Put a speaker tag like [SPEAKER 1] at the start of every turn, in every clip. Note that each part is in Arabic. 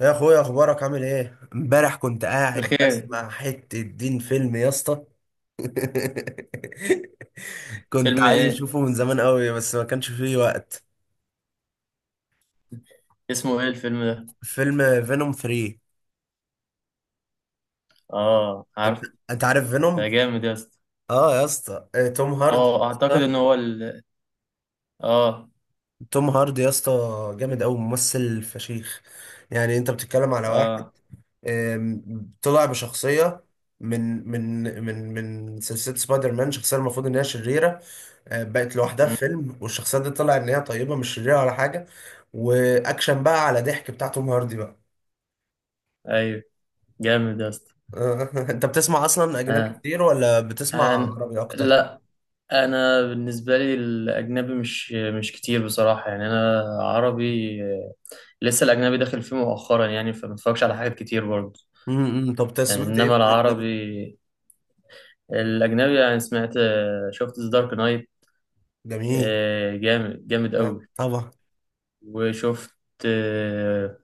[SPEAKER 1] يا اخويا، اخبارك عامل ايه؟ امبارح كنت قاعد
[SPEAKER 2] بخير.
[SPEAKER 1] بسمع حتة دين فيلم يا اسطى. كنت
[SPEAKER 2] فيلم
[SPEAKER 1] عايز
[SPEAKER 2] ايه؟
[SPEAKER 1] اشوفه من زمان قوي، بس ما كانش فيه وقت.
[SPEAKER 2] اسمه ايه الفيلم ده؟
[SPEAKER 1] فيلم فينوم 3.
[SPEAKER 2] اه،
[SPEAKER 1] انت
[SPEAKER 2] عارف.
[SPEAKER 1] انت عارف فينوم؟
[SPEAKER 2] ده جامد يا اسطى.
[SPEAKER 1] اه يا اسطى. توم هاردي يا
[SPEAKER 2] اه اعتقد
[SPEAKER 1] اسطى.
[SPEAKER 2] ان هو ال اه.
[SPEAKER 1] توم هاردي يا اسطى، جامد قوي، ممثل فشيخ. يعني انت بتتكلم على واحد
[SPEAKER 2] اه.
[SPEAKER 1] طلع بشخصية من سلسلة سبايدر مان، شخصية المفروض إن هي شريرة. بقت لوحدها في
[SPEAKER 2] مم.
[SPEAKER 1] فيلم، والشخصية دي طلع إن هي طيبة، مش شريرة ولا حاجة. وأكشن بقى على ضحك بتاع توم هاردي بقى.
[SPEAKER 2] ايوه. جامد يا اسطى.
[SPEAKER 1] أنت بتسمع أصلا أجنبي
[SPEAKER 2] آه.
[SPEAKER 1] كتير ولا بتسمع
[SPEAKER 2] أنا.
[SPEAKER 1] عربي أكتر؟
[SPEAKER 2] لا. انا بالنسبه لي الاجنبي مش كتير بصراحه، يعني انا عربي لسه الاجنبي داخل فيه مؤخرا، يعني فما اتفرجش على حاجات كتير برضه.
[SPEAKER 1] طب أنت
[SPEAKER 2] يعني
[SPEAKER 1] سمعت إيه في
[SPEAKER 2] انما
[SPEAKER 1] الأجنبي؟
[SPEAKER 2] العربي، الاجنبي يعني سمعت شفت ذا دارك نايت.
[SPEAKER 1] جميل.
[SPEAKER 2] جامد جامد قوي.
[SPEAKER 1] طبعا.
[SPEAKER 2] وشفت آه،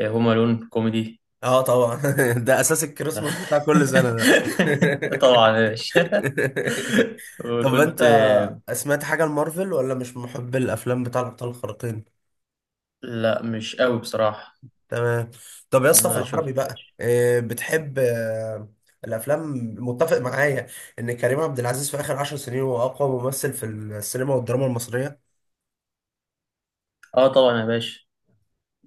[SPEAKER 2] هوم الون كوميدي.
[SPEAKER 1] اه طبعا. ده اساس الكريسماس بتاع كل سنه ده.
[SPEAKER 2] طبعا يا باشا.
[SPEAKER 1] طب انت
[SPEAKER 2] وكنت.
[SPEAKER 1] سمعت حاجة لمارفل ولا مش محب الافلام بتاع الابطال الخارقين؟
[SPEAKER 2] لا، مش قوي بصراحة.
[SPEAKER 1] تمام. طب يا اسطى في
[SPEAKER 2] ما
[SPEAKER 1] العربي بقى،
[SPEAKER 2] شفتش.
[SPEAKER 1] بتحب الافلام. متفق معايا ان كريم عبد العزيز في اخر 10 سنين هو اقوى ممثل في السينما والدراما المصرية
[SPEAKER 2] اه، طبعا يا باشا.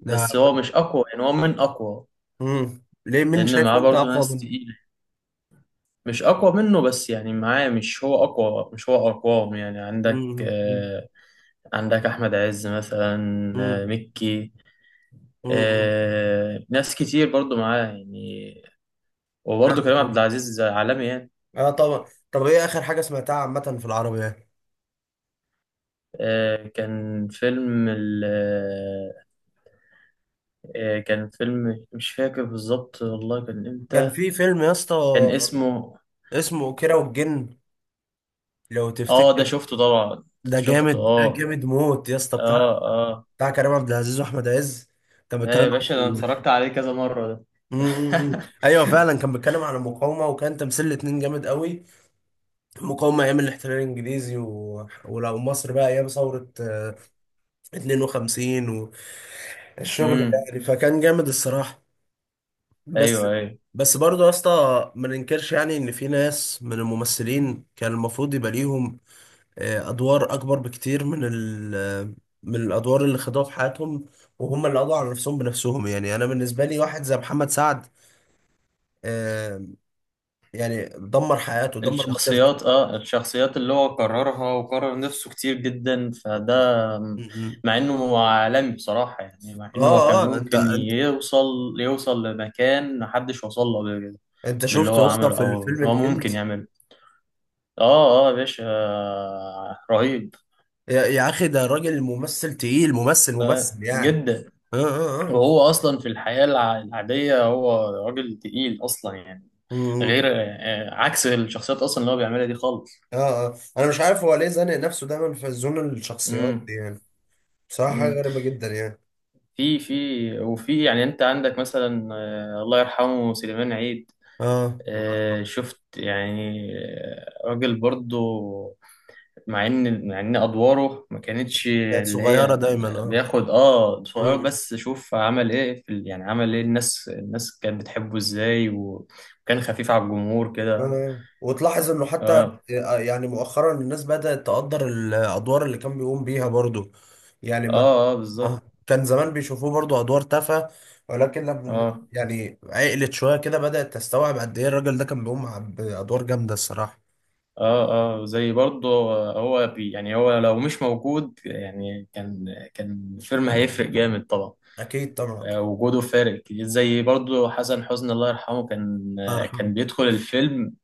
[SPEAKER 1] ده.
[SPEAKER 2] هو مش اقوى، يعني هو من اقوى.
[SPEAKER 1] ليه؟ مين
[SPEAKER 2] لان
[SPEAKER 1] شايفه
[SPEAKER 2] معاه
[SPEAKER 1] انت
[SPEAKER 2] برضو
[SPEAKER 1] اقوى
[SPEAKER 2] ناس
[SPEAKER 1] منه؟
[SPEAKER 2] تقيلة. مش اقوى منه، بس يعني معاه، مش هو اقوى، مش هو اقواهم، يعني عندك
[SPEAKER 1] امم، امم،
[SPEAKER 2] آه، عندك احمد عز مثلا.
[SPEAKER 1] امم،
[SPEAKER 2] مكي.
[SPEAKER 1] امم،
[SPEAKER 2] ناس كتير برضو معاه يعني. وبرضه كريم
[SPEAKER 1] امم.
[SPEAKER 2] عبد العزيز عالمي يعني.
[SPEAKER 1] اه طبعا. طب ايه اخر حاجة سمعتها عامة في العربي يعني؟
[SPEAKER 2] آه، كان فيلم ال آه، كان فيلم، مش فاكر بالظبط والله كان
[SPEAKER 1] كان
[SPEAKER 2] امتى.
[SPEAKER 1] في فيلم يا اسطى،
[SPEAKER 2] كان اسمه
[SPEAKER 1] اسمه كيرة والجن، لو
[SPEAKER 2] اه، ده
[SPEAKER 1] تفتكر.
[SPEAKER 2] شفته طبعا.
[SPEAKER 1] ده
[SPEAKER 2] شفته.
[SPEAKER 1] جامد، ده
[SPEAKER 2] اه.
[SPEAKER 1] جامد موت يا اسطى، بتاع
[SPEAKER 2] اه. اه.
[SPEAKER 1] بتاع كريم عبد العزيز واحمد عز. كان
[SPEAKER 2] آه يا
[SPEAKER 1] بيتكلم
[SPEAKER 2] باشا، انا
[SPEAKER 1] عن.
[SPEAKER 2] اتفرجت عليه كذا مرة ده
[SPEAKER 1] امم، ايوه فعلا، كان بيتكلم عن المقاومه، وكان تمثيل الاتنين جامد قوي. المقاومه ايام الاحتلال الانجليزي ولو مصر بقى ايام ثوره 52، والشغل ده
[SPEAKER 2] امم.
[SPEAKER 1] يعني، فكان جامد الصراحه. بس
[SPEAKER 2] ايوه. ايوه.
[SPEAKER 1] بس برضه يا اسطى، ما ننكرش يعني ان في ناس من الممثلين كان المفروض يبقى ليهم ادوار اكبر بكتير من من الادوار اللي خدوها في حياتهم، وهم اللي قضوا على نفسهم بنفسهم. يعني انا بالنسبه لي واحد زي محمد سعد، آه، يعني دمر حياته، دمر مسيرته.
[SPEAKER 2] الشخصيات اللي هو كررها وكرر نفسه كتير جدا فده،
[SPEAKER 1] م- م.
[SPEAKER 2] مع انه هو عالمي بصراحة، يعني مع انه هو
[SPEAKER 1] اه
[SPEAKER 2] كان
[SPEAKER 1] اه، انت
[SPEAKER 2] ممكن
[SPEAKER 1] انت
[SPEAKER 2] يوصل لمكان محدش وصل له قبل كده،
[SPEAKER 1] انت
[SPEAKER 2] باللي
[SPEAKER 1] شفته
[SPEAKER 2] هو
[SPEAKER 1] يا اسطى
[SPEAKER 2] عمله
[SPEAKER 1] في
[SPEAKER 2] او
[SPEAKER 1] الفيلم
[SPEAKER 2] اللي هو ممكن
[SPEAKER 1] الكنز؟
[SPEAKER 2] يعمله. اه، اه يا باشا، رهيب.
[SPEAKER 1] يا اخي، ده راجل ممثل تقيل، ممثل
[SPEAKER 2] آه
[SPEAKER 1] ممثل يعني.
[SPEAKER 2] جدا.
[SPEAKER 1] اه اه اه.
[SPEAKER 2] وهو اصلا في الحياة العادية، هو راجل تقيل اصلا يعني.
[SPEAKER 1] م- م.
[SPEAKER 2] غير عكس الشخصيات اصلا اللي هو بيعملها دي خالص.
[SPEAKER 1] اه اه، انا مش عارف هو ليه زانق نفسه دايما في زون الشخصيات دي يعني. بصراحه حاجه
[SPEAKER 2] امم.
[SPEAKER 1] غريبه جدا يعني.
[SPEAKER 2] في يعني انت عندك مثلا، الله يرحمه سليمان عيد.
[SPEAKER 1] اه، الله يرحمه.
[SPEAKER 2] شفت يعني راجل برضو، مع ان ادواره ما كانتش
[SPEAKER 1] كانت
[SPEAKER 2] اللي هي
[SPEAKER 1] صغيرة دايما، اه.
[SPEAKER 2] بياخد صغير،
[SPEAKER 1] مم.
[SPEAKER 2] بس شوف عمل ايه في يعني عمل ايه، الناس كانت بتحبه ازاي وكان خفيف على الجمهور كده.
[SPEAKER 1] آه. وتلاحظ انه حتى
[SPEAKER 2] اه،
[SPEAKER 1] يعني مؤخرا الناس بدأت تقدر الادوار اللي كان بيقوم بيها برضو. يعني ما
[SPEAKER 2] اه، اه، بالظبط.
[SPEAKER 1] اه كان زمان بيشوفوه برضو ادوار تافهة، ولكن لما
[SPEAKER 2] اه،
[SPEAKER 1] يعني عقلت شوية كده بدأت تستوعب قد ايه الراجل ده كان بيقوم بادوار جامدة الصراحة.
[SPEAKER 2] اه، اه. زي برضه هو بي يعني هو لو مش موجود يعني كان الفيلم هيفرق جامد طبعا.
[SPEAKER 1] اكيد طبعا.
[SPEAKER 2] وجوده فارق كتير. زي برضه حسن حسني الله يرحمه، كان
[SPEAKER 1] الله
[SPEAKER 2] آه، كان
[SPEAKER 1] يرحمه.
[SPEAKER 2] بيدخل الفيلم.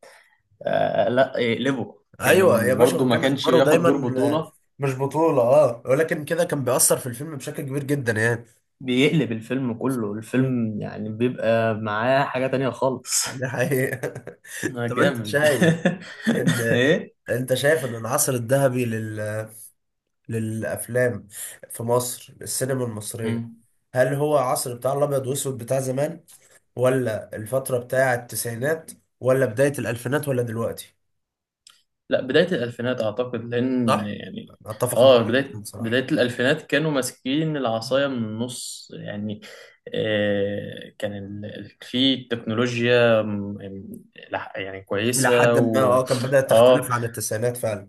[SPEAKER 2] آه لا، يقلبه،
[SPEAKER 1] ايوه يا
[SPEAKER 2] كان
[SPEAKER 1] باشا،
[SPEAKER 2] برضه ما
[SPEAKER 1] وكان
[SPEAKER 2] كانش
[SPEAKER 1] ادواره
[SPEAKER 2] بياخد
[SPEAKER 1] دايما
[SPEAKER 2] دور
[SPEAKER 1] آه،
[SPEAKER 2] بطولة.
[SPEAKER 1] مش بطولة، اه، ولكن كده كان بيأثر في الفيلم بشكل كبير جدا يعني.
[SPEAKER 2] بيقلب الفيلم كله،
[SPEAKER 1] مم.
[SPEAKER 2] الفيلم يعني بيبقى معاه حاجة تانية خالص.
[SPEAKER 1] ده حقيقة. طب انت
[SPEAKER 2] جامد.
[SPEAKER 1] شايف إن ان العصر الذهبي للافلام في مصر، السينما
[SPEAKER 2] ايه؟
[SPEAKER 1] المصرية، هل هو عصر بتاع الابيض واسود بتاع زمان، ولا الفترة بتاع التسعينات، ولا بداية الالفينات، ولا دلوقتي؟
[SPEAKER 2] لا، بداية الألفينات أعتقد، لأن
[SPEAKER 1] صح.
[SPEAKER 2] يعني.
[SPEAKER 1] اتفق معاك
[SPEAKER 2] آه،
[SPEAKER 1] جدا
[SPEAKER 2] بداية
[SPEAKER 1] بصراحة.
[SPEAKER 2] بداية الألفينات كانوا ماسكين العصاية من النص يعني. آه كان في تكنولوجيا يعني
[SPEAKER 1] الى
[SPEAKER 2] كويسة
[SPEAKER 1] حد ما،
[SPEAKER 2] و.
[SPEAKER 1] اه، كان بدأت
[SPEAKER 2] آه،
[SPEAKER 1] تختلف عن التسعينات فعلا.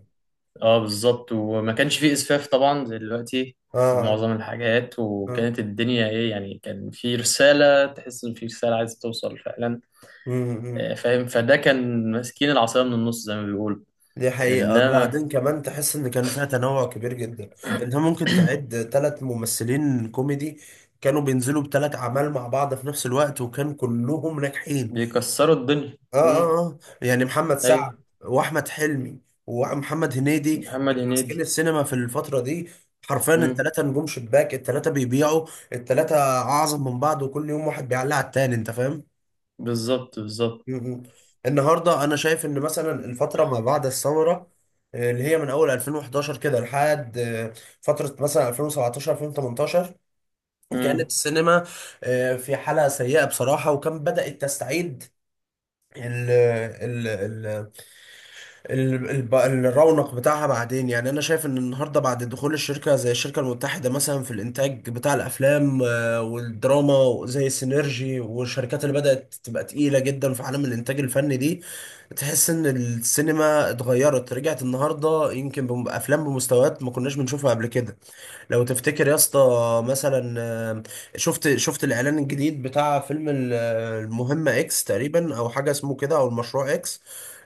[SPEAKER 2] آه، بالظبط، وما كانش في إسفاف طبعا زي دلوقتي في
[SPEAKER 1] اه،
[SPEAKER 2] معظم الحاجات،
[SPEAKER 1] اه،
[SPEAKER 2] وكانت الدنيا إيه يعني، كان في رسالة، تحس إن في رسالة عايزة توصل فعلا.
[SPEAKER 1] مم، مم.
[SPEAKER 2] آه فاهم، فده كان ماسكين العصاية من النص زي ما بيقولوا.
[SPEAKER 1] دي حقيقة،
[SPEAKER 2] إنما
[SPEAKER 1] بعدين كمان تحس إن كان فيها تنوع كبير جدا. أنت ممكن تعد 3 ممثلين كوميدي كانوا بينزلوا بتلات أعمال مع بعض في نفس الوقت، وكان كلهم ناجحين.
[SPEAKER 2] بيكسروا الدنيا.
[SPEAKER 1] آه
[SPEAKER 2] امم.
[SPEAKER 1] آه آه، يعني محمد
[SPEAKER 2] ايوه.
[SPEAKER 1] سعد وأحمد حلمي ومحمد هنيدي،
[SPEAKER 2] محمد
[SPEAKER 1] كانوا ماسكين
[SPEAKER 2] هنيدي.
[SPEAKER 1] السينما في الفترة دي. حرفيا
[SPEAKER 2] امم.
[SPEAKER 1] التلاتة نجوم شباك، التلاتة بيبيعوا، التلاتة أعظم من بعض، وكل يوم واحد بيعلق على التاني. أنت فاهم؟
[SPEAKER 2] بالظبط بالظبط.
[SPEAKER 1] مهم. النهارده انا شايف ان مثلا الفتره ما بعد الثوره، اللي هي من اول 2011 كده لحد فتره مثلا 2017 2018، كانت
[SPEAKER 2] امم.
[SPEAKER 1] السينما في حاله سيئه بصراحه، وكان بدات تستعيد ال ال الرونق بتاعها بعدين. يعني انا شايف ان النهارده بعد دخول الشركه زي الشركه المتحده مثلا في الانتاج بتاع الافلام والدراما زي سينرجي، والشركات اللي بدات تبقى تقيله جدا في عالم الانتاج الفني دي، تحس ان السينما اتغيرت، رجعت النهارده يمكن بافلام بمستويات ما كناش بنشوفها قبل كده. لو تفتكر يا اسطى مثلا شفت الاعلان الجديد بتاع فيلم المهمة اكس تقريبا او حاجة اسمه كده، او المشروع اكس،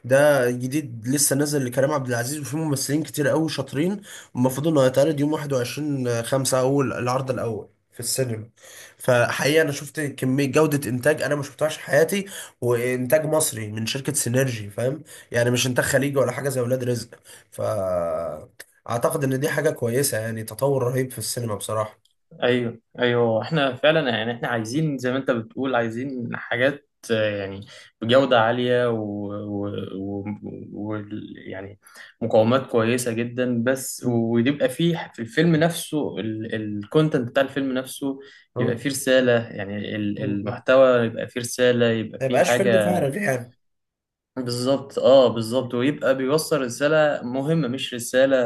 [SPEAKER 1] ده جديد لسه نازل لكريم عبد العزيز، وفيه ممثلين كتير قوي شاطرين. المفروض انه هيتعرض يوم 21/5، اول العرض الاول في السينما. فحقيقة انا شفت كمية جودة انتاج انا ما شفتهاش في حياتي، وانتاج مصري من شركة سينرجي فاهم، يعني مش انتاج خليجي ولا حاجة زي ولاد رزق. ف اعتقد ان دي حاجة كويسة، يعني تطور رهيب في السينما بصراحة.
[SPEAKER 2] ايوه. ايوه. احنا فعلا يعني، احنا عايزين زي ما انت بتقول عايزين حاجات يعني بجودة عالية و... و... و... يعني مقاومات كويسة جدا، بس
[SPEAKER 1] مم.
[SPEAKER 2] ويبقى فيه في الفيلم نفسه الكونتنت بتاع الفيلم نفسه، يبقى
[SPEAKER 1] مم.
[SPEAKER 2] فيه رسالة، يعني
[SPEAKER 1] مم.
[SPEAKER 2] المحتوى يبقى فيه رسالة، يبقى
[SPEAKER 1] ما
[SPEAKER 2] فيه
[SPEAKER 1] يبقاش فيلم
[SPEAKER 2] حاجة.
[SPEAKER 1] فارغ يعني.
[SPEAKER 2] بالظبط اه
[SPEAKER 1] مم.
[SPEAKER 2] بالظبط، ويبقى بيوصل رسالة مهمة مش رسالة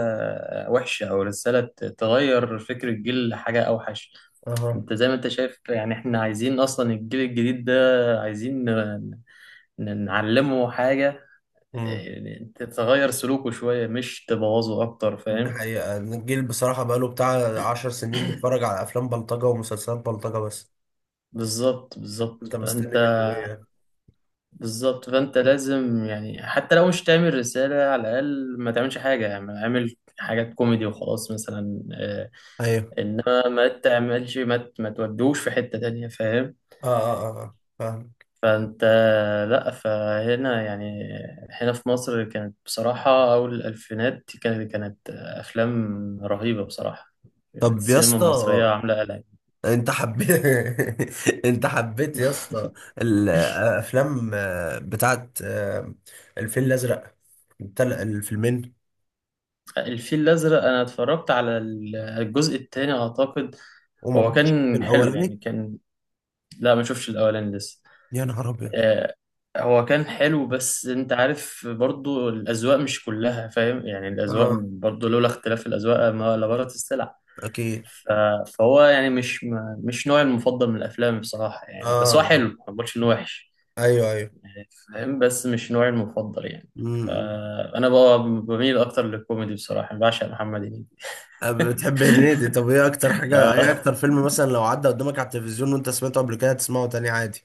[SPEAKER 2] وحشة، أو رسالة تغير فكر الجيل لحاجة أوحش.
[SPEAKER 1] اها.
[SPEAKER 2] أنت زي ما أنت شايف يعني، إحنا عايزين أصلا الجيل الجديد ده، عايزين نعلمه حاجة
[SPEAKER 1] مم.
[SPEAKER 2] تتغير سلوكه شوية مش تبوظه أكتر،
[SPEAKER 1] دي
[SPEAKER 2] فاهم؟
[SPEAKER 1] حقيقة إن الجيل بصراحة بقاله بتاع 10 سنين بيتفرج على أفلام بلطجة ومسلسلات بلطجة بس.
[SPEAKER 2] بالظبط بالظبط
[SPEAKER 1] أنت مستني منه إيه يعني؟
[SPEAKER 2] بالظبط فأنت لازم يعني، حتى لو مش تعمل رسالة على الأقل ما تعملش حاجة، يعني اعمل حاجات كوميدي وخلاص مثلا
[SPEAKER 1] أيوه.
[SPEAKER 2] انما ما تعملش ما تودوش في حتة تانية، فاهم؟
[SPEAKER 1] آه آه آه آه. فاهم.
[SPEAKER 2] فانت لا، فهنا يعني هنا في مصر كانت بصراحة اول الالفينات، كانت افلام رهيبة بصراحة، كانت
[SPEAKER 1] طب يا
[SPEAKER 2] السينما المصرية
[SPEAKER 1] اسطى
[SPEAKER 2] عاملة قلق.
[SPEAKER 1] أنت حبيت. أنت حبيت يا اسطى الأفلام بتاعت الفيل الأزرق، الفيلمين،
[SPEAKER 2] الفيل الازرق، انا اتفرجت على الجزء الثاني اعتقد.
[SPEAKER 1] وما
[SPEAKER 2] هو
[SPEAKER 1] كنتش في
[SPEAKER 2] كان حلو يعني
[SPEAKER 1] الأولاني.
[SPEAKER 2] كان. لا، ما شفتش الاولاني لسه.
[SPEAKER 1] يا نهار ابيض.
[SPEAKER 2] آه، هو كان حلو، بس انت عارف برضو الاذواق مش كلها، فاهم؟ يعني الاذواق
[SPEAKER 1] اه
[SPEAKER 2] برضو، لولا اختلاف الاذواق ما لبارت السلع.
[SPEAKER 1] اكيد.
[SPEAKER 2] ف- فهو يعني مش مش نوعي المفضل من الافلام بصراحه يعني، بس هو
[SPEAKER 1] اه،
[SPEAKER 2] حلو ما بقولش انه وحش.
[SPEAKER 1] ايوه ايوه.
[SPEAKER 2] يعني فاهم، بس مش نوعي المفضل يعني.
[SPEAKER 1] امم.
[SPEAKER 2] فانا بقى بميل اكتر للكوميدي بصراحه، بعشق محمد هنيدي.
[SPEAKER 1] بتحب هنيدي؟ طب ايه
[SPEAKER 2] آه،
[SPEAKER 1] اكتر فيلم مثلا لو عدى قدامك على التلفزيون وانت سمعته قبل كده تسمعه تاني عادي؟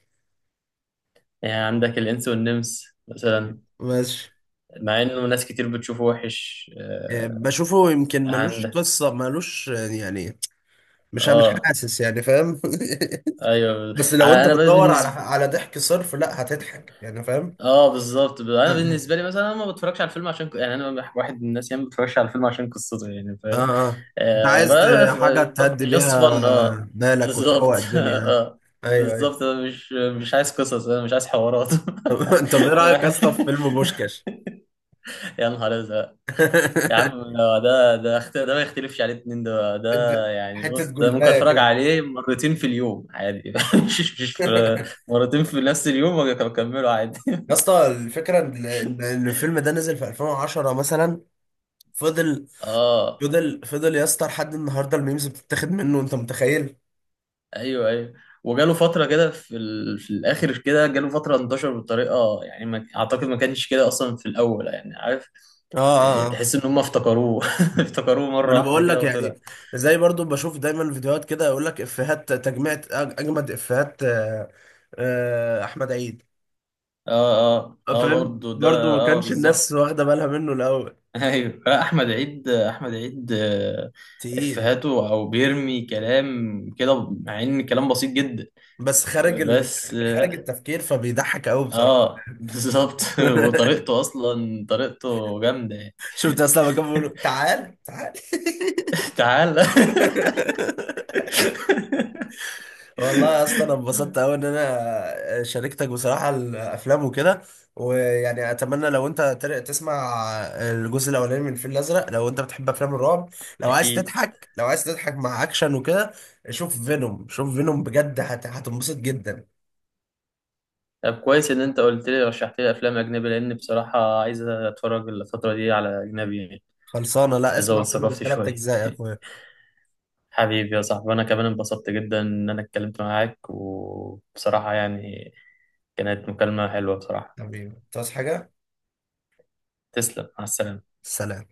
[SPEAKER 2] يعني عندك الانس والنمس مثلا،
[SPEAKER 1] ماشي.
[SPEAKER 2] مع انه ناس كتير بتشوفه وحش
[SPEAKER 1] إيه، بشوفه يمكن ملوش
[SPEAKER 2] عندك.
[SPEAKER 1] قصه، ملوش يعني، مش
[SPEAKER 2] اه.
[SPEAKER 1] حاسس يعني، فاهم؟
[SPEAKER 2] ايوه.
[SPEAKER 1] بس لو انت
[SPEAKER 2] انا بقى
[SPEAKER 1] بتدور على
[SPEAKER 2] بالنسبه
[SPEAKER 1] على ضحك صرف، لا هتضحك يعني، فاهم.
[SPEAKER 2] اه بالظبط، انا
[SPEAKER 1] اه
[SPEAKER 2] بالنسبه لي مثلا، انا ما بتفرجش على الفيلم عشان يعني انا واحد من الناس، يعني ما بتفرجش على الفيلم عشان قصته، يعني فاهم.
[SPEAKER 1] اه. انت
[SPEAKER 2] آه
[SPEAKER 1] عايز حاجه تهدي
[SPEAKER 2] بقى، جاست
[SPEAKER 1] بيها
[SPEAKER 2] فن، اه.
[SPEAKER 1] بالك وتروق
[SPEAKER 2] بالظبط
[SPEAKER 1] الدنيا.
[SPEAKER 2] اه
[SPEAKER 1] ايوه ايوه.
[SPEAKER 2] بالظبط، انا مش عايز قصص، انا مش عايز حوارات.
[SPEAKER 1] طب ايه رايك اصلا في فيلم بوشكاش؟
[SPEAKER 2] يا نهار ازرق! يا عم، ده ما يختلفش عليه اتنين، ده يعني
[SPEAKER 1] حته
[SPEAKER 2] بص، ده ممكن
[SPEAKER 1] جلدايه
[SPEAKER 2] اتفرج
[SPEAKER 1] كده.
[SPEAKER 2] عليه مرتين في اليوم عادي مش مش في- مرتين في نفس اليوم واكمله عادي.
[SPEAKER 1] يا اسطى الفكره ان إن- إن الفيلم ده نزل في 2010 مثلا، فضل،
[SPEAKER 2] اه.
[SPEAKER 1] فضل، فضل يا اسطى لحد النهارده، الميمز بتتاخد منه، انت متخيل؟
[SPEAKER 2] ايوه. ايوه. وجاله فتره كده في في الاخر كده، جاله فتره انتشر بطريقه، يعني ما... اعتقد ما كانش كده اصلا في الاول، يعني عارف.
[SPEAKER 1] اه
[SPEAKER 2] إيه،
[SPEAKER 1] اه
[SPEAKER 2] تحس
[SPEAKER 1] آه.
[SPEAKER 2] ان هم افتكروه افتكروه
[SPEAKER 1] ما
[SPEAKER 2] مره
[SPEAKER 1] انا
[SPEAKER 2] واحده
[SPEAKER 1] بقول لك
[SPEAKER 2] كده وطلع.
[SPEAKER 1] يعني، زي برضو بشوف دايما فيديوهات كده يقول لك افيهات تجميع، اجمد افيهات. احمد عيد،
[SPEAKER 2] اه، اه، اه
[SPEAKER 1] فاهم،
[SPEAKER 2] برضه ده.
[SPEAKER 1] برضو ما
[SPEAKER 2] اه
[SPEAKER 1] كانش
[SPEAKER 2] بالظبط
[SPEAKER 1] الناس واخده بالها منه الاول.
[SPEAKER 2] ايوه لا، احمد عيد، احمد عيد
[SPEAKER 1] تقيل،
[SPEAKER 2] افهاته او بيرمي كلام كده، مع ان كلام بسيط جدا
[SPEAKER 1] بس خارج
[SPEAKER 2] بس
[SPEAKER 1] خارج
[SPEAKER 2] اه.
[SPEAKER 1] التفكير، فبيضحك قوي بصراحه.
[SPEAKER 2] بالظبط وطريقته اصلا طريقته جامده يعني.
[SPEAKER 1] شفت اصلا لما كانوا بيقولوا تعال تعال.
[SPEAKER 2] تعال.
[SPEAKER 1] والله يا اسطى انا انبسطت قوي ان انا شاركتك بصراحه الافلام وكده. ويعني اتمنى لو انت تسمع الجزء الاولاني من الفيل الازرق، لو انت بتحب افلام الرعب، لو عايز
[SPEAKER 2] اكيد.
[SPEAKER 1] تضحك، لو عايز تضحك مع اكشن وكده، شوف فينوم، شوف فينوم بجد، هتنبسط جدا.
[SPEAKER 2] طب كويس ان انت قلت لي، رشحت لي افلام اجنبي، لان بصراحه عايز اتفرج الفتره دي على اجنبي يعني،
[SPEAKER 1] خلصانه. لا، اسمع
[SPEAKER 2] ازود
[SPEAKER 1] فينوم
[SPEAKER 2] ثقافتي
[SPEAKER 1] الثلاث
[SPEAKER 2] شويه
[SPEAKER 1] اجزاء يا اخويا.
[SPEAKER 2] حبيبي يا صاحبي، انا كمان انبسطت جدا ان انا اتكلمت معاك، وبصراحه يعني كانت مكالمه حلوه بصراحه.
[SPEAKER 1] حبيبي، تعوز حاجه؟
[SPEAKER 2] تسلم، مع السلامه.
[SPEAKER 1] سلام.